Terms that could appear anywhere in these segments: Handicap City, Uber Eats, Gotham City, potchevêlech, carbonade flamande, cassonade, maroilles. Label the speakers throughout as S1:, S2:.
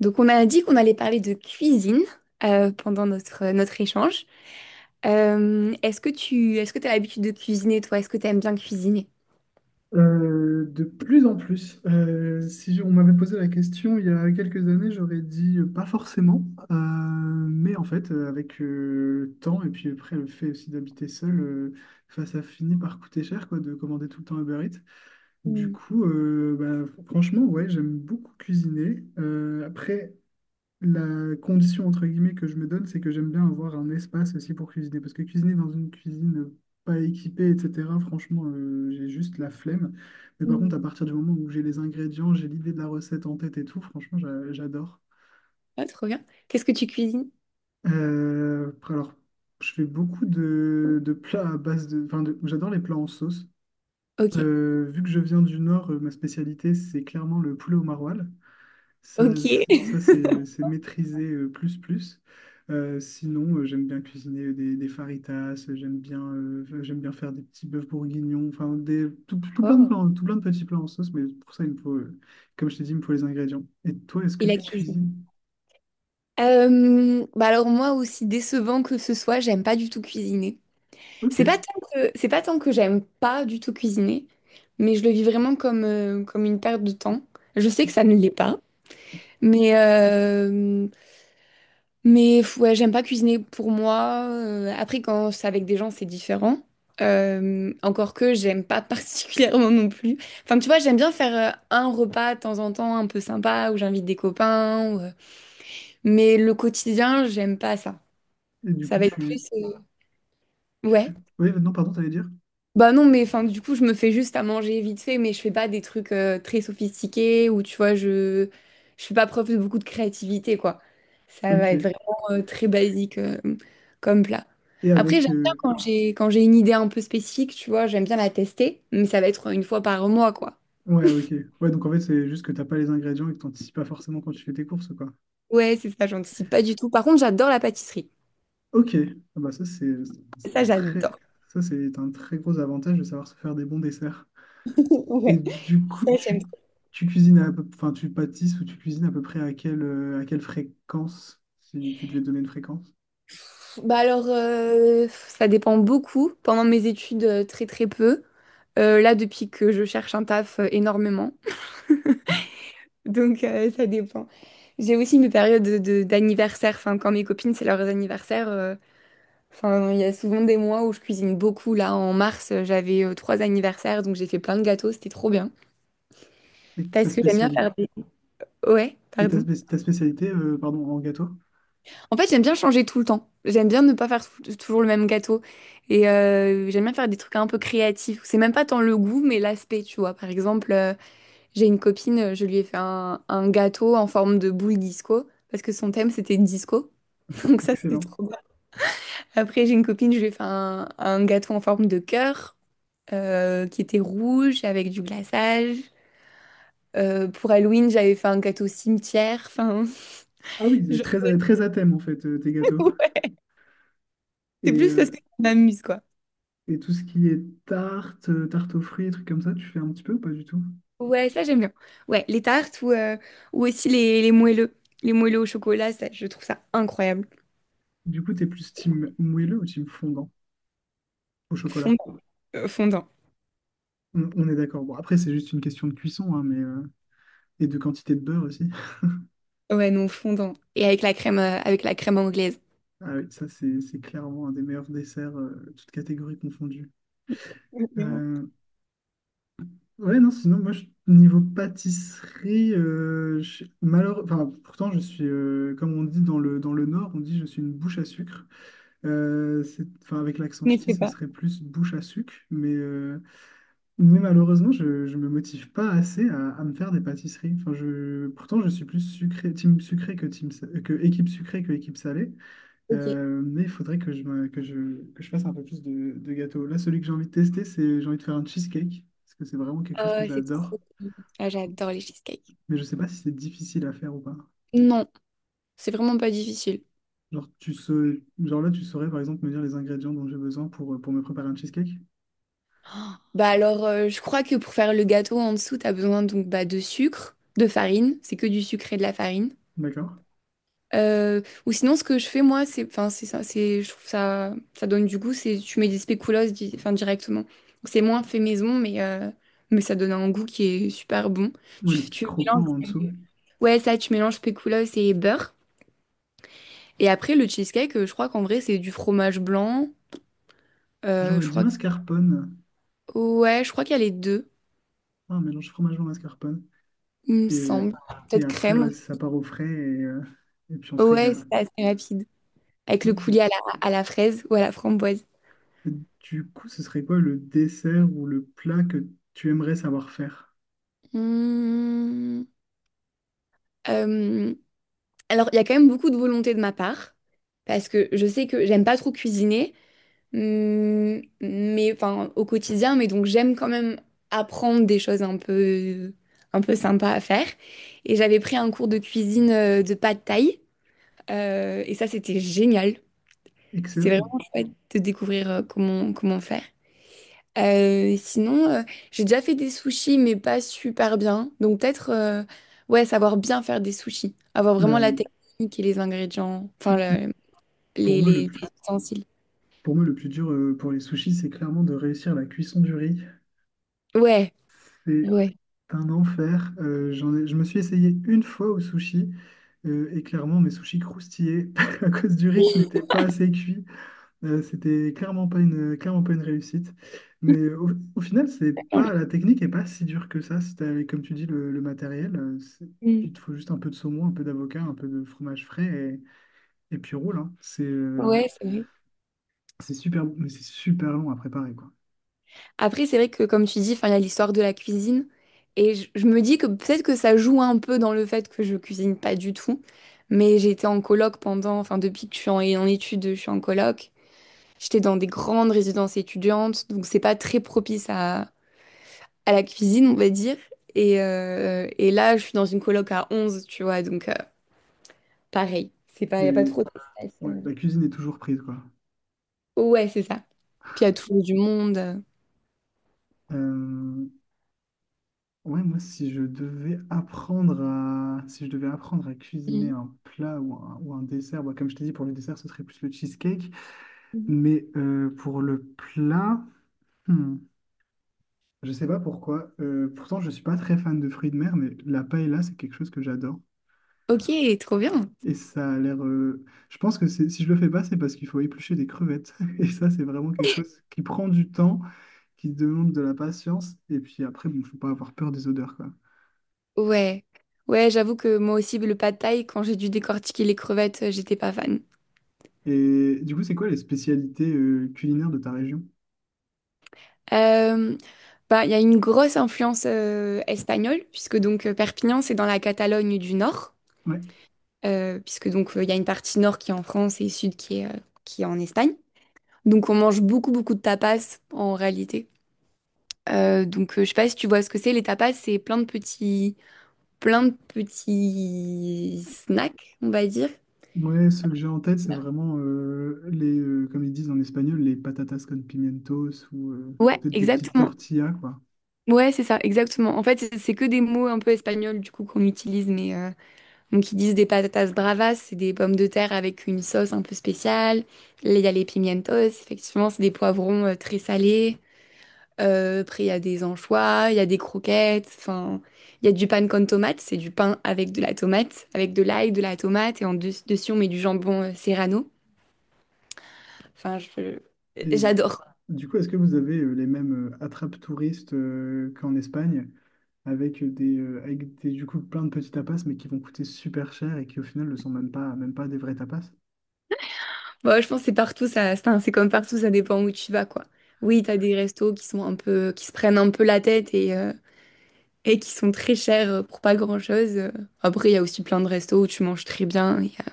S1: Donc, on a dit qu'on allait parler de cuisine pendant notre, notre échange. Est-ce que tu as l'habitude de cuisiner, toi? Est-ce que tu aimes bien cuisiner?
S2: De plus en plus. Si on m'avait posé la question il y a quelques années, j'aurais dit pas forcément. Mais en fait, avec le temps et puis après le fait aussi d'habiter seul, enfin, ça finit par coûter cher quoi, de commander tout le temps Uber Eats. Du
S1: Mm.
S2: coup, bah, franchement, ouais, j'aime beaucoup cuisiner. Après, la condition entre guillemets que je me donne, c'est que j'aime bien avoir un espace aussi pour cuisiner. Parce que cuisiner dans une cuisine pas équipée, etc., franchement, j'ai juste la flemme. Mais par contre, à
S1: Mm.
S2: partir du moment où j'ai les ingrédients, j'ai l'idée de la recette en tête et tout, franchement, j'adore.
S1: Ah, trop bien. Qu'est-ce que tu cuisines?
S2: Alors, je fais beaucoup de plats à base de... Enfin, j'adore les plats en sauce.
S1: Ok.
S2: Vu que je viens du Nord, ma spécialité, c'est clairement le poulet au maroilles. Ça,
S1: Ok.
S2: c'est ça, c'est- c'est maîtrisé plus plus. Sinon, j'aime bien cuisiner des faritas j'aime bien, j'aime bien faire des petits bœufs bourguignons, enfin des, tout plein de
S1: Oh.
S2: plans, tout plein de petits plats en sauce, mais pour ça, il me faut, comme je t'ai dit, il me faut les ingrédients. Et toi, est-ce
S1: Et
S2: que
S1: la
S2: tu cuisines?
S1: cuisine. Bah alors moi aussi décevant que ce soit, j'aime pas du tout cuisiner.
S2: Ok.
S1: C'est pas tant que j'aime pas du tout cuisiner, mais je le vis vraiment comme comme une perte de temps. Je sais que ça ne l'est pas, mais mais pff, ouais, j'aime pas cuisiner pour moi. Après, quand c'est avec des gens, c'est différent. Encore que j'aime pas particulièrement non plus. Enfin, tu vois, j'aime bien faire un repas de temps en temps un peu sympa où j'invite des copains, ou, mais le quotidien, j'aime pas ça.
S2: Et du
S1: Ça
S2: coup,
S1: va être plus, ouais.
S2: tu... Oui, non, pardon, t'allais dire?
S1: Bah non, mais enfin, du coup, je me fais juste à manger vite fait, mais je fais pas des trucs très sophistiqués ou tu vois, je fais pas preuve de beaucoup de créativité, quoi. Ça
S2: Ok.
S1: va être vraiment très basique comme plat.
S2: Et
S1: Après, j'aime
S2: avec...
S1: bien quand j'ai une idée un peu spécifique, tu vois, j'aime bien la tester, mais ça va être une fois par mois, quoi.
S2: Ouais, ok. Ouais, donc en fait, c'est juste que t'as pas les ingrédients et que t'anticipes pas forcément quand tu fais tes courses, quoi.
S1: Ouais, c'est ça, j'anticipe pas du tout. Par contre, j'adore la pâtisserie.
S2: Ok, ah bah ça c'est c'est
S1: Ça,
S2: un très,
S1: j'adore.
S2: ça c'est un très gros avantage de savoir se faire des bons desserts. Et
S1: Ouais,
S2: du coup,
S1: ça, j'aime.
S2: tu cuisines à peu, enfin tu pâtisses ou tu cuisines à peu près à à quelle fréquence, si tu devais donner une fréquence.
S1: Bah alors, ça dépend beaucoup. Pendant mes études, très très peu. Là, depuis que je cherche un taf, énormément. Donc, ça dépend. J'ai aussi mes périodes de, d'anniversaire. Enfin, quand mes copines, c'est leurs anniversaires, enfin, il y a souvent des mois où je cuisine beaucoup. Là, en mars, j'avais trois anniversaires, donc j'ai fait plein de gâteaux. C'était trop bien.
S2: Et ta
S1: Parce que j'aime bien
S2: spécialité,
S1: faire des... Ouais,
S2: et ta,
S1: pardon.
S2: spé- Ta spécialité, pardon, en gâteau?
S1: En fait, j'aime bien changer tout le temps. J'aime bien ne pas faire toujours le même gâteau. Et j'aime bien faire des trucs un peu créatifs. C'est même pas tant le goût, mais l'aspect, tu vois. Par exemple, j'ai une copine, je lui ai fait un gâteau en forme de boule disco, parce que son thème, c'était disco. Donc ça, c'était
S2: Excellent.
S1: trop bien. Après, j'ai une copine, je lui ai fait un gâteau en forme de cœur, qui était rouge, avec du glaçage. Pour Halloween, j'avais fait un gâteau cimetière. Enfin,
S2: Ah oui, c'est
S1: je-
S2: très à thème en fait, tes gâteaux.
S1: ouais,
S2: Et,
S1: c'est plus parce que
S2: euh,
S1: ça m'amuse, quoi.
S2: Et tout ce qui est tarte, tarte aux fruits, trucs comme ça, tu fais un petit peu ou pas du tout?
S1: Ouais, ça j'aime bien. Ouais, les tartes ou aussi les moelleux. Les moelleux au chocolat, ça, je trouve ça incroyable.
S2: Du coup, t'es plus team moelleux ou team fondant au chocolat?
S1: Fondant. Fondant.
S2: On est d'accord. Bon, après, c'est juste une question de cuisson, hein, et de quantité de beurre aussi.
S1: Ouais, non, fondant. Et avec la crème anglaise.
S2: Ah oui, ça, c'est clairement un des meilleurs desserts, toutes catégories confondues.
S1: Vraiment.
S2: Euh, ouais, non, sinon, moi, niveau pâtisserie, enfin, pourtant, je suis, comme on dit dans dans le Nord, on dit je suis une bouche à sucre. Enfin, avec l'accent
S1: Mais
S2: ch'ti,
S1: c'est
S2: ce
S1: pas.
S2: serait plus bouche à sucre, mais malheureusement, je me motive pas assez à me faire des pâtisseries. Enfin, je, pourtant, je suis plus sucré, team sucré que que équipe sucrée que équipe salée.
S1: Ok.
S2: Mais il faudrait que je, me- que je fasse un peu plus de gâteaux. Là, celui que j'ai envie de tester, c'est j'ai envie de faire un cheesecake parce que c'est vraiment quelque chose que
S1: Oh, c'est
S2: j'adore.
S1: trop bon. Ah, j'adore les cheesecakes.
S2: Mais je sais pas si c'est difficile à faire ou pas.
S1: Non, c'est vraiment pas difficile.
S2: Genre, tu sais, genre là, tu saurais par exemple me dire les ingrédients dont j'ai besoin pour me préparer un cheesecake.
S1: Bah alors, je crois que pour faire le gâteau en dessous, t'as besoin donc bah, de sucre, de farine. C'est que du sucre et de la farine.
S2: D'accord?
S1: Euh, ou sinon, ce que je fais moi, c'est, enfin, c'est ça, c'est, je trouve ça, ça donne du goût. C'est, tu mets des spéculoos, enfin, directement. Donc, c'est moins fait maison, mais ça donne un goût qui est super bon.
S2: Ouais, le
S1: Tu,
S2: petit
S1: tu mélanges,
S2: croquant en dessous.
S1: ouais, ça, tu mélanges spéculoos et beurre. Et après, le cheesecake, je crois qu'en vrai, c'est du fromage blanc.
S2: J'aurais
S1: Je
S2: dit
S1: crois
S2: mascarpone.
S1: ouais, je crois qu'il y a les deux,
S2: Ah, un mélange fromage blanc mascarpone.
S1: il me
S2: Et,
S1: semble.
S2: et
S1: Peut-être
S2: après,
S1: crème
S2: ouais, ça
S1: aussi.
S2: part au frais et puis on se
S1: Ouais,
S2: régale.
S1: c'est assez rapide. Avec le
S2: Ok.
S1: coulis à la fraise ou à la framboise.
S2: Et du coup, ce serait quoi le dessert ou le plat que tu aimerais savoir faire?
S1: Hum, euh, Alors, il y a quand même beaucoup de volonté de ma part, parce que je sais que j'aime pas trop cuisiner, mais enfin au quotidien, mais donc j'aime quand même apprendre des choses un peu sympas à faire. Et j'avais pris un cours de cuisine de pad thaï, et ça c'était génial. C'était
S2: Excellent.
S1: vraiment chouette de découvrir comment, comment faire. Sinon, j'ai déjà fait des sushis, mais pas super bien. Donc peut-être, ouais, savoir bien faire des sushis. Avoir vraiment la
S2: Euh,
S1: technique et les ingrédients, enfin
S2: le- le- pour moi,
S1: les ustensiles.
S2: pour moi, le plus dur pour les sushis, c'est clairement de réussir la cuisson du riz.
S1: Ouais,
S2: C'est
S1: ouais.
S2: un enfer. Je me suis essayé une fois au sushi et clairement, mes sushis croustillaient à cause du riz qui n'était pas assez cuit. C'était clairement pas une réussite. Mais au final, c'est pas, la technique est pas si dure que ça. Si t'as, avec, comme tu dis, le matériel,
S1: Mm.
S2: il te faut juste un peu de saumon, un peu d'avocat, un peu de fromage frais et puis roule, hein.
S1: Ouais, c'est vrai.
S2: C'est super bon, mais c'est super long à préparer, quoi.
S1: Après, c'est vrai que comme tu dis, enfin, il y a l'histoire de la cuisine. Et je me dis que peut-être que ça joue un peu dans le fait que je cuisine pas du tout. Mais j'ai été en coloc pendant, enfin depuis que je suis en, en études, je suis en coloc. J'étais dans des grandes résidences étudiantes, donc c'est pas très propice à la cuisine, on va dire. Et là, je suis dans une coloc à 11, tu vois, donc pareil. C'est pas, y a pas
S2: Et
S1: trop d'espace,
S2: ouais, la cuisine est toujours prise, quoi.
S1: Ouais, c'est ça. Puis il y a toujours du monde,
S2: Euh, ouais, Moi, si je devais apprendre à, si je devais apprendre à cuisiner
S1: Mhm.
S2: un plat ou un dessert, bah, comme je t'ai dit, pour le dessert, ce serait plus le cheesecake.
S1: Mhm.
S2: Mais pour le plat, hmm, je sais pas pourquoi. Je suis pas très fan de fruits de mer, mais la paella, c'est quelque chose que j'adore.
S1: Ok, trop bien.
S2: Et ça a l'air. Je pense que si je le fais pas, c'est parce qu'il faut éplucher des crevettes. Et ça, c'est vraiment quelque chose qui prend du temps, qui demande de la patience. Et puis après, bon, faut pas avoir peur des odeurs, quoi.
S1: Ouais. Ouais, j'avoue que moi aussi, le pad thaï, quand j'ai dû décortiquer les crevettes, j'étais pas fan.
S2: Et du coup, c'est quoi les spécialités culinaires de ta région?
S1: Euh, Bah, il y a une grosse influence espagnole, puisque donc Perpignan, c'est dans la Catalogne du Nord,
S2: Ouais.
S1: puisque donc il y a une partie nord qui est en France et sud qui est en Espagne. Donc on mange beaucoup beaucoup de tapas en réalité. Donc je sais pas si tu vois ce que c'est. Les tapas, c'est plein de petits snacks, on va dire.
S2: Ouais, ceux que j'ai en tête, c'est vraiment comme ils disent en espagnol, les patatas con pimientos ou
S1: Ouais,
S2: peut-être des petites
S1: exactement.
S2: tortillas, quoi.
S1: Ouais, c'est ça, exactement. En fait, c'est que des mots un peu espagnols du coup qu'on utilise, mais donc ils disent des patatas bravas, c'est des pommes de terre avec une sauce un peu spéciale. Là, il y a les pimientos, effectivement, c'est des poivrons très salés. Après, il y a des anchois, il y a des croquettes, enfin, il y a du pan con tomate, c'est du pain avec de la tomate, avec de l'ail, de la tomate, et en dessus, on met du jambon serrano. Enfin,
S2: Et
S1: j'adore.
S2: du coup, est-ce que vous avez les mêmes attrapes touristes qu'en Espagne, avec des, du coup plein de petits tapas, mais qui vont coûter super cher et qui au final ne sont même pas des vrais tapas?
S1: Bon, je pense que c'est partout, ça, enfin, c'est comme partout, ça dépend où tu vas, quoi. Oui, t'as des restos qui sont un peu, qui se prennent un peu la tête et qui sont très chers pour pas grand-chose. Après, il y a aussi plein de restos où tu manges très bien, il y a-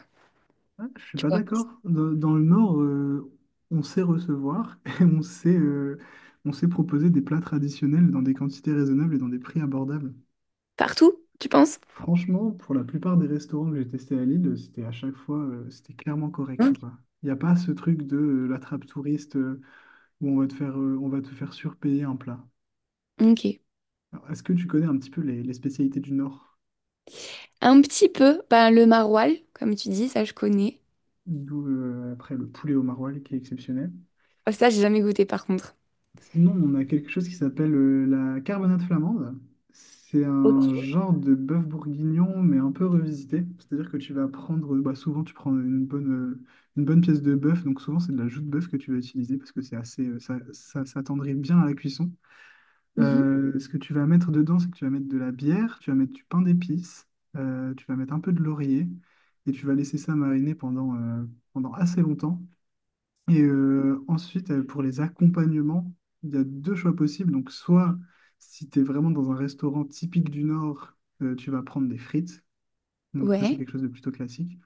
S2: Ah, je suis
S1: tu
S2: pas
S1: vois,
S2: d'accord. Dans le Nord, on sait recevoir et on sait proposer des plats traditionnels dans des quantités raisonnables et dans des prix abordables.
S1: partout, tu penses?
S2: Franchement, pour la plupart des restaurants que j'ai testés à Lille, c'était à chaque fois, c'était clairement correct,
S1: Ok.
S2: quoi. Il n'y a pas ce truc de la trappe touriste où on va te faire, on va te faire surpayer un plat.
S1: Ok.
S2: Alors, est-ce que tu connais un petit peu les spécialités du Nord?
S1: Un petit peu, ben, le maroilles, comme tu dis, ça je connais.
S2: D'où après le poulet au maroilles qui est exceptionnel.
S1: Oh, ça, j'ai jamais goûté par contre.
S2: Sinon, on a quelque chose qui s'appelle la carbonade flamande. C'est un genre de bœuf bourguignon, mais un peu revisité. C'est-à-dire que tu vas prendre, bah, souvent tu prends une une bonne pièce de bœuf, donc souvent c'est de la joue de bœuf que tu vas utiliser parce que c'est assez, ça s'attendrit bien à la cuisson.
S1: Mhm.
S2: Ce que tu vas mettre dedans, c'est que tu vas mettre de la bière, tu vas mettre du pain d'épices, tu vas mettre un peu de laurier et tu vas laisser ça mariner pendant, pendant assez longtemps. Ensuite, pour les accompagnements, il y a deux choix possibles. Donc, soit si tu es vraiment dans un restaurant typique du Nord, tu vas prendre des frites. Donc, ça, c'est
S1: Ouais.
S2: quelque chose de plutôt classique.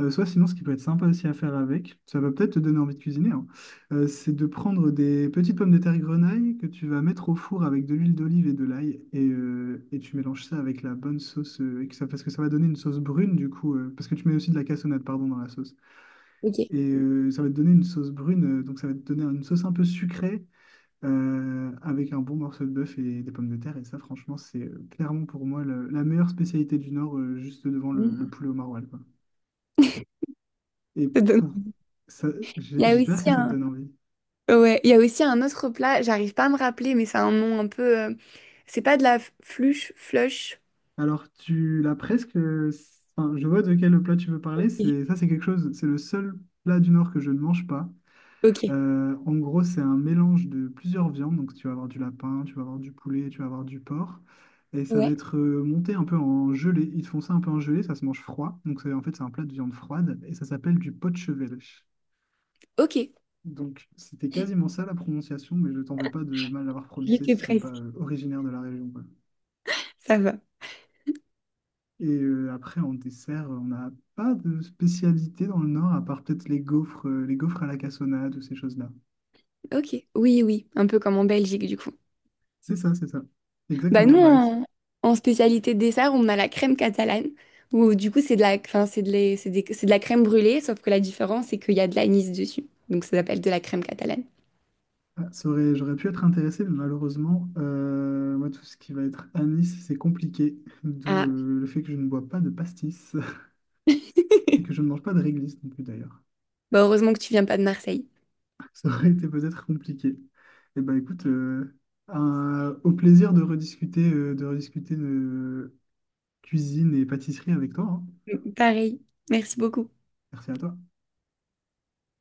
S2: Soit sinon, ce qui peut être sympa aussi à faire avec, ça va peut-être te donner envie de cuisiner, hein, c'est de prendre des petites pommes de terre grenaille que tu vas mettre au four avec de l'huile d'olive et de l'ail. Et tu mélanges ça avec la bonne sauce, parce que ça va donner une sauce brune, du coup, parce que tu mets aussi de la cassonade, pardon, dans la sauce.
S1: Ok.
S2: Ça va te donner une sauce brune, donc ça va te donner une sauce un peu sucrée avec un bon morceau de bœuf et des pommes de terre. Et ça, franchement, c'est clairement pour moi la meilleure spécialité du Nord, juste devant le
S1: Mhm.
S2: poulet au maroilles, quoi. Et
S1: Ça donne-
S2: pour ça,
S1: Il y a
S2: J'espère
S1: aussi
S2: que ça te
S1: un...
S2: donne envie.
S1: Ouais, il y a aussi un autre plat, j'arrive pas à me rappeler, mais c'est un nom un peu... c'est pas de la fluche, flush.
S2: Alors, tu l'as presque. Enfin, je vois de quel plat tu veux parler.
S1: Ok.
S2: C'est ça, c'est quelque chose. C'est le seul plat du Nord que je ne mange pas.
S1: Ok.
S2: En gros, c'est un mélange de plusieurs viandes. Donc, tu vas avoir du lapin, tu vas avoir du poulet, tu vas avoir du porc. Et ça va
S1: Ouais.
S2: être monté un peu en gelée. Ils te font ça un peu en gelée, ça se mange froid. Donc, en fait, c'est un plat de viande froide et ça s'appelle du potchevêlech.
S1: Ok.
S2: Donc, c'était quasiment ça la prononciation, mais je t'en veux pas de mal l'avoir
S1: J'y
S2: prononcé
S1: étais
S2: si t'es pas
S1: presque.
S2: originaire de la région, quoi.
S1: Ça va.
S2: En dessert, on n'a pas de spécialité dans le Nord, à part peut-être les gaufres à la cassonade ou ces choses-là.
S1: Ok. Oui, oui. Un peu comme en Belgique, du coup.
S2: C'est ça, c'est ça.
S1: Bah
S2: Exactement,
S1: nous,
S2: ouais.
S1: en, en spécialité dessert, on a la crème catalane, où du coup c'est de la, enfin, c'est de, c'est c'est de la crème brûlée, sauf que la différence c'est qu'il y a de l'anis dessus. Donc ça s'appelle de la crème catalane.
S2: J'aurais pu être intéressé, mais malheureusement, moi, tout ce qui va être anis, c'est compliqué. D'où
S1: Ah,
S2: le fait que je ne bois pas de pastis et que je ne mange pas de réglisse non plus d'ailleurs.
S1: bah heureusement que tu viens pas de Marseille.
S2: Ça aurait été peut-être compliqué. Eh ben écoute, au plaisir de rediscuter, de cuisine et pâtisserie avec toi. Hein.
S1: Pareil, merci beaucoup.
S2: Merci à toi.